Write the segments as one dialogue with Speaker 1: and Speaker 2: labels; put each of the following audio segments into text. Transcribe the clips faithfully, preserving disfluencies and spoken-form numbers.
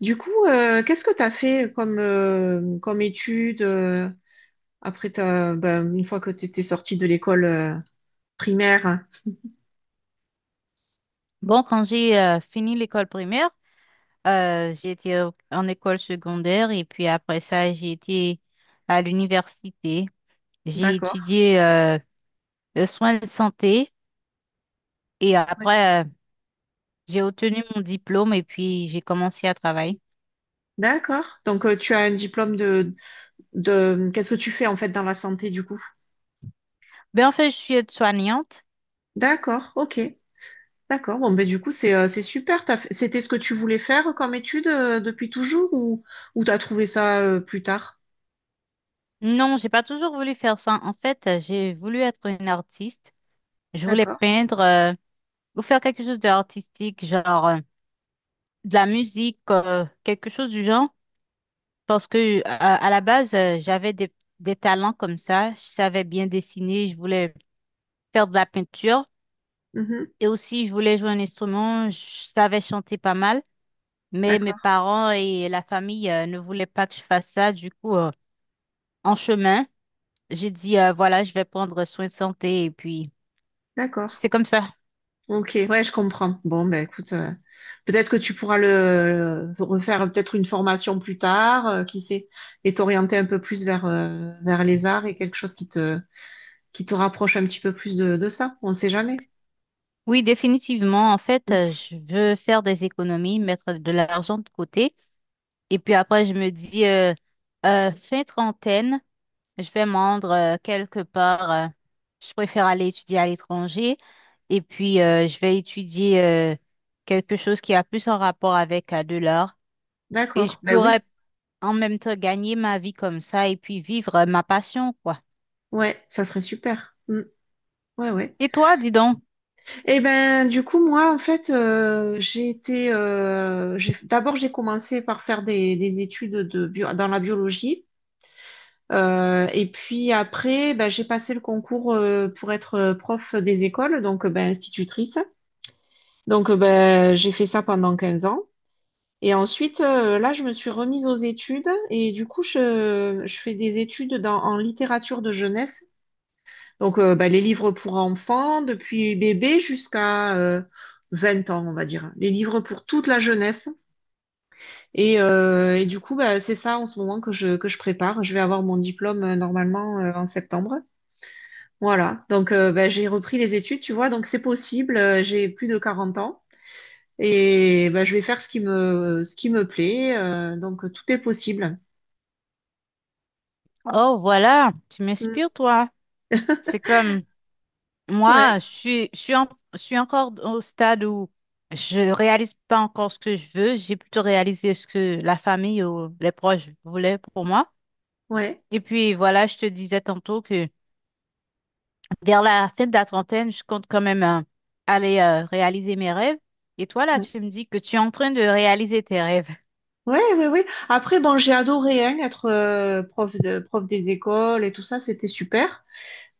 Speaker 1: Du coup, euh, qu'est-ce que tu as fait comme, euh, comme étude euh, après ta, ben, une fois que tu étais sortie de l'école euh, primaire?
Speaker 2: Bon, quand j'ai euh, fini l'école primaire, euh, j'ai été au- en école secondaire et puis après ça, j'ai été à l'université. J'ai
Speaker 1: D'accord.
Speaker 2: étudié euh, le soin de santé et
Speaker 1: Ouais.
Speaker 2: après, euh, j'ai obtenu mon diplôme et puis j'ai commencé à travailler.
Speaker 1: D'accord. Donc, euh, tu as un diplôme de, de... Qu'est-ce que tu fais en fait dans la santé du coup?
Speaker 2: Ben en fait, je suis aide-soignante.
Speaker 1: D'accord, ok. D'accord. Bon, ben, du coup, c'est euh, c'est super. T'as fait- C'était ce que tu voulais faire comme étude euh, depuis toujours ou, ou tu as trouvé ça euh, plus tard?
Speaker 2: Non, j'ai pas toujours voulu faire ça. En fait, euh, j'ai voulu être une artiste. Je voulais
Speaker 1: D'accord.
Speaker 2: peindre euh, ou faire quelque chose d'artistique, genre euh, de la musique, euh, quelque chose du genre. Parce que à, à la base, euh, j'avais des, des talents comme ça. Je savais bien dessiner, je voulais faire de la peinture
Speaker 1: Mhm.
Speaker 2: et aussi je voulais jouer un instrument. Je savais chanter pas mal, mais mes
Speaker 1: D'accord.
Speaker 2: parents et la famille euh, ne voulaient pas que je fasse ça. Du coup, euh, en chemin, j'ai dit euh, voilà, je vais prendre soin de santé et puis
Speaker 1: D'accord.
Speaker 2: c'est comme ça.
Speaker 1: Ok, ouais, je comprends. Bon, ben écoute, euh, peut-être que tu pourras le, le- refaire euh, peut-être une formation plus tard, euh, qui sait, et t'orienter un peu plus vers euh, vers les arts et quelque chose qui te qui te rapproche un petit peu plus de, de ça. On sait jamais.
Speaker 2: Oui, définitivement. En fait,
Speaker 1: Mm.
Speaker 2: euh, je veux faire des économies, mettre de l'argent de côté et puis après, je me dis euh, euh, fin trentaine. Je vais me rendre euh, quelque part. Euh, je préfère aller étudier à l'étranger et puis euh, je vais étudier euh, quelque chose qui a plus en rapport avec euh, de l'art et je
Speaker 1: D'accord. Ben oui.
Speaker 2: pourrais en même temps gagner ma vie comme ça et puis vivre euh, ma passion, quoi.
Speaker 1: Ouais, ça serait super. Mm. Ouais, ouais.
Speaker 2: Et toi, dis donc,
Speaker 1: Et ben du coup, moi, en fait, euh, j'ai été, euh, j'ai d'abord j'ai commencé par faire des des études de bio, dans la biologie. Euh, et puis après, ben, j'ai passé le concours euh, pour être euh, prof des écoles, donc euh, ben, institutrice. Donc euh, ben, j'ai fait ça pendant quinze ans. Et ensuite, euh, là, je me suis remise aux études et du coup, je, je fais des études dans, en littérature de jeunesse. Donc euh, ben, les livres pour enfants, depuis bébé jusqu'à euh, vingt ans, on va dire. Les livres pour toute la jeunesse. Et, euh, et du coup, ben, c'est ça en ce moment que je, que je prépare. Je vais avoir mon diplôme euh, normalement euh, en septembre. Voilà, donc euh, bah, j'ai repris les études, tu vois, donc c'est possible, euh, j'ai plus de quarante ans et bah, je vais faire ce qui me ce qui me plaît, euh, donc tout est possible.
Speaker 2: oh voilà, tu
Speaker 1: Mm.
Speaker 2: m'inspires, toi. C'est comme
Speaker 1: Ouais,
Speaker 2: moi, je suis, je suis, en- je suis encore au stade où je réalise pas encore ce que je veux. J'ai plutôt réalisé ce que la famille ou les proches voulaient pour moi.
Speaker 1: ouais,
Speaker 2: Et puis voilà, je te disais tantôt que vers la fin de la trentaine, je compte quand même euh, aller euh, réaliser mes rêves. Et toi, là,
Speaker 1: ouais,
Speaker 2: tu me dis que tu es en train de réaliser tes rêves.
Speaker 1: ouais, ouais, ouais. Après, bon, j'ai adoré hein, être euh, prof de, prof des écoles et tout ça, c'était super.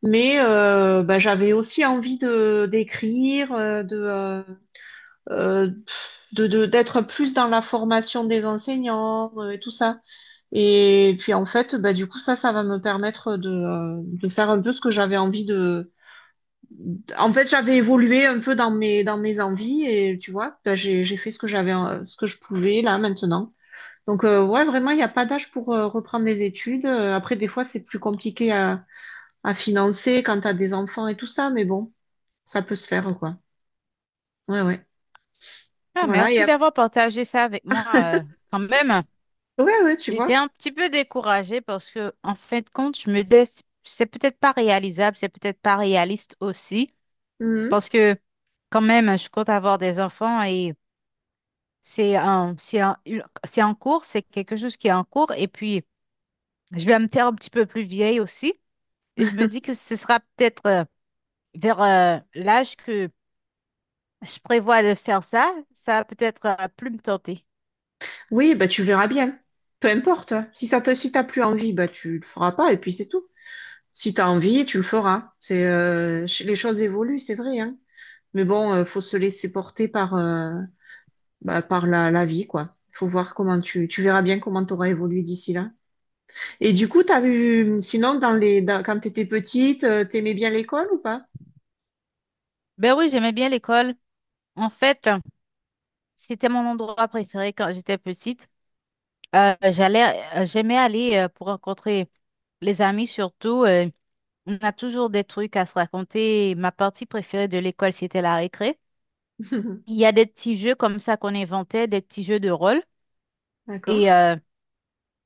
Speaker 1: Mais euh, bah, j'avais aussi envie de d'écrire, euh, de, euh, euh, pff, de de d'être plus dans la formation des enseignants euh, et tout ça. Et puis en fait, bah, du coup, ça, ça va me permettre de, euh, de faire un peu ce que j'avais envie de. En fait, j'avais évolué un peu dans mes, dans mes envies et tu vois, bah, j'ai, j'ai fait ce que j'avais, euh, ce que je pouvais là maintenant. Donc euh, ouais, vraiment, il n'y a pas d'âge pour euh, reprendre les études. Euh, Après, des fois, c'est plus compliqué à, à financer quand t'as des enfants et tout ça, mais bon, ça peut se faire quoi. Ouais, ouais.
Speaker 2: Ah,
Speaker 1: Voilà. Et
Speaker 2: merci
Speaker 1: ap-
Speaker 2: d'avoir partagé ça avec moi. euh, Quand même,
Speaker 1: ouais, ouais, tu
Speaker 2: j'étais
Speaker 1: vois.
Speaker 2: un petit peu découragée parce que, en fin de compte, je me dis, c'est c'est peut-être pas réalisable, c'est peut-être pas réaliste aussi.
Speaker 1: Mhm.
Speaker 2: Parce que, quand même, je compte avoir des enfants et c'est un, c'est un- une- c'est en cours, c'est quelque chose qui est en cours. Et puis, je vais me faire un petit peu plus vieille aussi. Et je me dis que ce sera peut-être euh, vers euh, l'âge que je prévois de faire ça. Ça va peut-être euh, plus me tenter.
Speaker 1: Oui, bah tu verras bien. Peu importe, hein. Si ça te, si t'as plus envie, bah tu le feras pas et puis c'est tout. Si t'as envie, tu le feras. C'est euh, ch- les choses évoluent, c'est vrai, hein. Mais bon, euh, faut se laisser porter par euh, bah, par la, la vie, quoi. Faut voir comment tu tu verras bien comment t'auras évolué d'ici là. Et du coup, t'as vu sinon dans les dans- quand t'étais petite, euh, t'aimais bien l'école ou pas?
Speaker 2: Ben oui, j'aimais bien l'école. En fait, euh, c'était mon endroit préféré quand j'étais petite. Euh, j'allais, euh, J'aimais aller euh, pour rencontrer les amis surtout. Euh, on a toujours des trucs à se raconter. Ma partie préférée de l'école, c'était la récré. Il y a des petits jeux comme ça qu'on inventait, des petits jeux de rôle.
Speaker 1: D'accord.
Speaker 2: Et euh,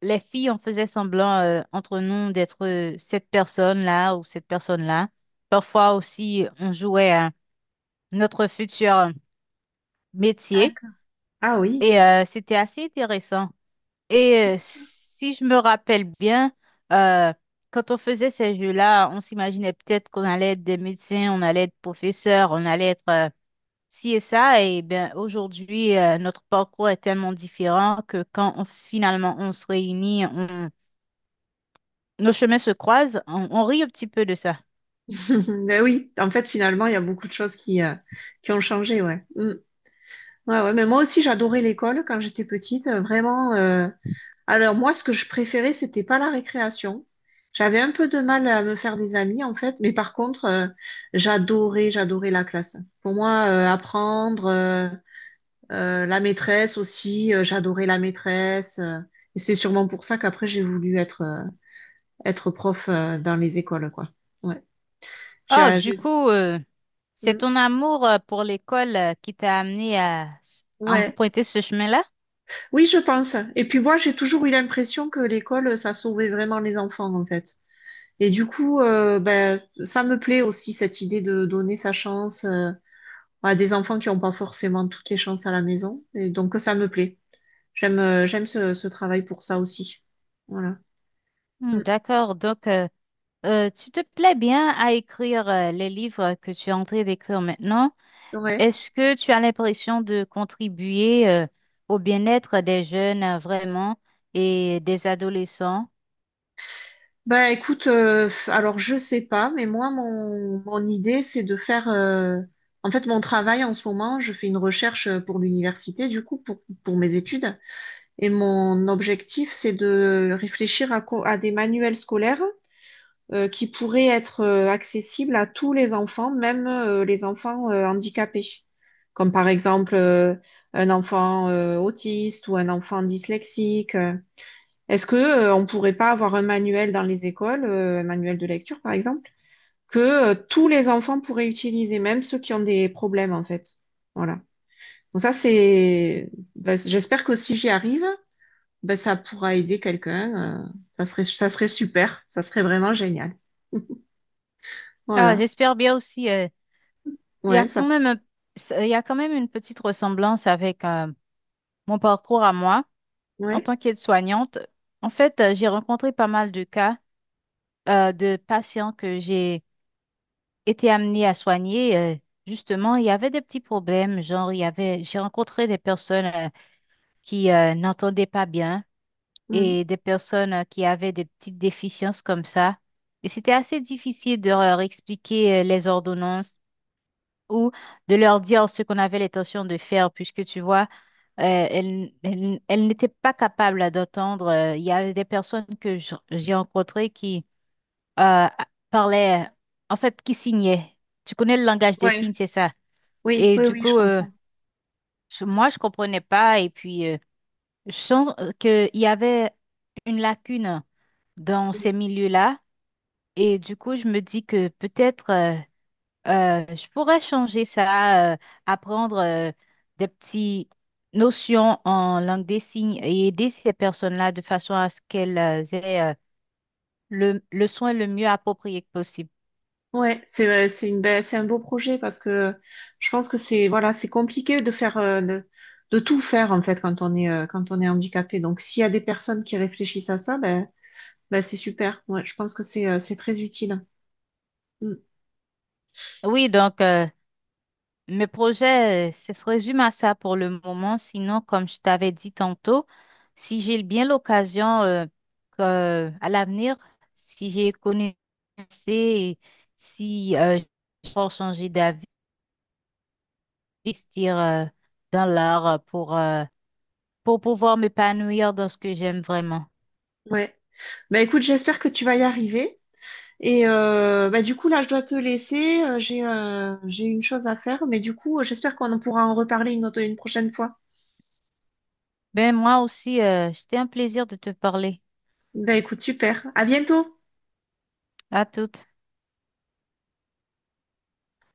Speaker 2: les filles, on faisait semblant euh, entre nous d'être euh, cette personne-là ou cette personne-là. Parfois aussi, on jouait à notre futur métier
Speaker 1: D'accord. Ah oui.
Speaker 2: et euh, c'était assez intéressant. Et
Speaker 1: C'est
Speaker 2: euh,
Speaker 1: sûr.
Speaker 2: si je me rappelle bien, euh, quand on faisait ces jeux-là, on s'imaginait peut-être qu'on allait être des médecins, on allait être professeur, on allait être euh, ci et ça. Et bien aujourd'hui, euh, notre parcours est tellement différent que quand on- finalement on se réunit. On Nos chemins se croisent, on, on rit un petit peu de ça.
Speaker 1: Ben oui, en fait, finalement, il y a beaucoup de choses qui, euh, qui ont changé, ouais. Mm. Ouais, ouais, mais moi aussi, j'adorais l'école quand j'étais petite, euh, vraiment. Euh, alors moi, ce que je préférais, c'était pas la récréation. J'avais un peu de mal à me faire des amis, en fait, mais par contre, euh, j'adorais, j'adorais la classe. Pour moi, euh, apprendre, euh, euh, la maîtresse aussi, euh, j'adorais la maîtresse. Euh, et c'est sûrement pour ça qu'après, j'ai voulu être, euh, être prof, euh, dans les écoles, quoi. Ouais.
Speaker 2: Oh,
Speaker 1: J'ai,
Speaker 2: du
Speaker 1: j'ai-
Speaker 2: coup, euh, c'est
Speaker 1: Mm.
Speaker 2: ton amour euh, pour l'école euh, qui t'a amené à s-
Speaker 1: Ouais.
Speaker 2: emprunter ce chemin-là?
Speaker 1: Oui, je pense. Et puis moi, j'ai toujours eu l'impression que l'école, ça sauvait vraiment les enfants, en fait. Et du coup, euh, ben, ça me plaît aussi cette idée de donner sa chance euh, à des enfants qui n'ont pas forcément toutes les chances à la maison. Et donc ça me plaît. J'aime euh, j'aime ce, ce travail pour ça aussi. Voilà.
Speaker 2: Hmm,
Speaker 1: Mm.
Speaker 2: d'accord, donc euh, euh, tu te plais bien à écrire euh, les livres que tu es en train d'écrire maintenant.
Speaker 1: Ouais.
Speaker 2: Est-ce que tu as l'impression de contribuer euh, au bien-être des jeunes euh, vraiment et des adolescents?
Speaker 1: Bah écoute, euh, alors je sais pas, mais moi mon mon idée c'est de faire. Euh, en fait, mon travail en ce moment, je fais une recherche pour l'université, du coup pour pour mes études. Et mon objectif c'est de réfléchir à co- à des manuels scolaires euh, qui pourrait être euh, accessible à tous les enfants, même euh, les enfants euh, handicapés, comme par exemple euh, un enfant euh, autiste ou un enfant dyslexique. Euh. Est-ce que euh, on pourrait pas avoir un manuel dans les écoles, euh, un manuel de lecture par exemple, que euh, tous les enfants pourraient utiliser, même ceux qui ont des problèmes en fait. Voilà. Donc ça c'est, ben, j'espère que si j'y arrive, ben ça pourra aider quelqu'un. Euh, ça serait, ça serait super. Ça serait vraiment génial.
Speaker 2: Ah,
Speaker 1: Voilà.
Speaker 2: j'espère bien aussi. euh, Il y a
Speaker 1: Ouais, ça
Speaker 2: quand même un- il y a quand même une petite ressemblance avec euh, mon parcours à moi. En
Speaker 1: Ouais.
Speaker 2: tant qu'aide-soignante, en fait, euh, j'ai rencontré pas mal de cas euh, de patients que j'ai été amenée à soigner. Euh, justement, il y avait des petits problèmes, genre il y avait, j'ai rencontré des personnes euh, qui euh, n'entendaient pas bien
Speaker 1: Mm.
Speaker 2: et des personnes euh, qui avaient des petites déficiences comme ça. Et c'était assez difficile de leur expliquer euh, les ordonnances ou de leur dire ce qu'on avait l'intention de faire, puisque tu vois, euh, elles, elles- elles n'étaient pas capables d'entendre. euh, Il y avait des personnes que j- j'ai rencontrées qui euh, parlaient, en fait, qui signaient. Tu connais le langage des
Speaker 1: Ouais.
Speaker 2: signes, c'est ça.
Speaker 1: Oui,
Speaker 2: Et
Speaker 1: oui,
Speaker 2: du
Speaker 1: oui, je
Speaker 2: coup, euh,
Speaker 1: comprends.
Speaker 2: je- moi, je comprenais pas. Et puis, euh, je sens qu'il y avait une lacune dans
Speaker 1: Mm.
Speaker 2: ces milieux-là. Et du coup, je me dis que peut-être... euh, Euh, je pourrais changer ça, euh, apprendre euh, des petites notions en langue des signes et aider ces personnes-là de façon à ce qu'elles euh, aient euh, le, le soin le mieux approprié que possible.
Speaker 1: Ouais, c'est euh, c'est une belle, c'est un beau projet parce que je pense que c'est voilà, c'est compliqué de faire euh, de, de tout faire en fait quand on est euh, quand on est handicapé. Donc s'il y a des personnes qui réfléchissent à ça, ben ben c'est super. Ouais, je pense que c'est euh, c'est très utile. Mm.
Speaker 2: Oui, donc euh, mes projets, euh, ce se résume à ça pour le moment. Sinon, comme je t'avais dit tantôt, si j'ai bien l'occasion euh, que- à l'avenir, si j'ai connaissance et si euh, je peux changer d'avis, investir euh, dans l'art euh, pour, euh, pour pouvoir m'épanouir dans ce que j'aime vraiment.
Speaker 1: Ouais. Ben écoute, j'espère que tu vas y arriver. Et euh, ben, du coup là, je dois te laisser. Euh, J'ai euh, j'ai une chose à faire, mais du coup, j'espère qu'on en pourra en reparler une autre une prochaine fois.
Speaker 2: Ben moi aussi, euh, c'était un plaisir de te parler.
Speaker 1: Ben écoute, super. À bientôt.
Speaker 2: À toutes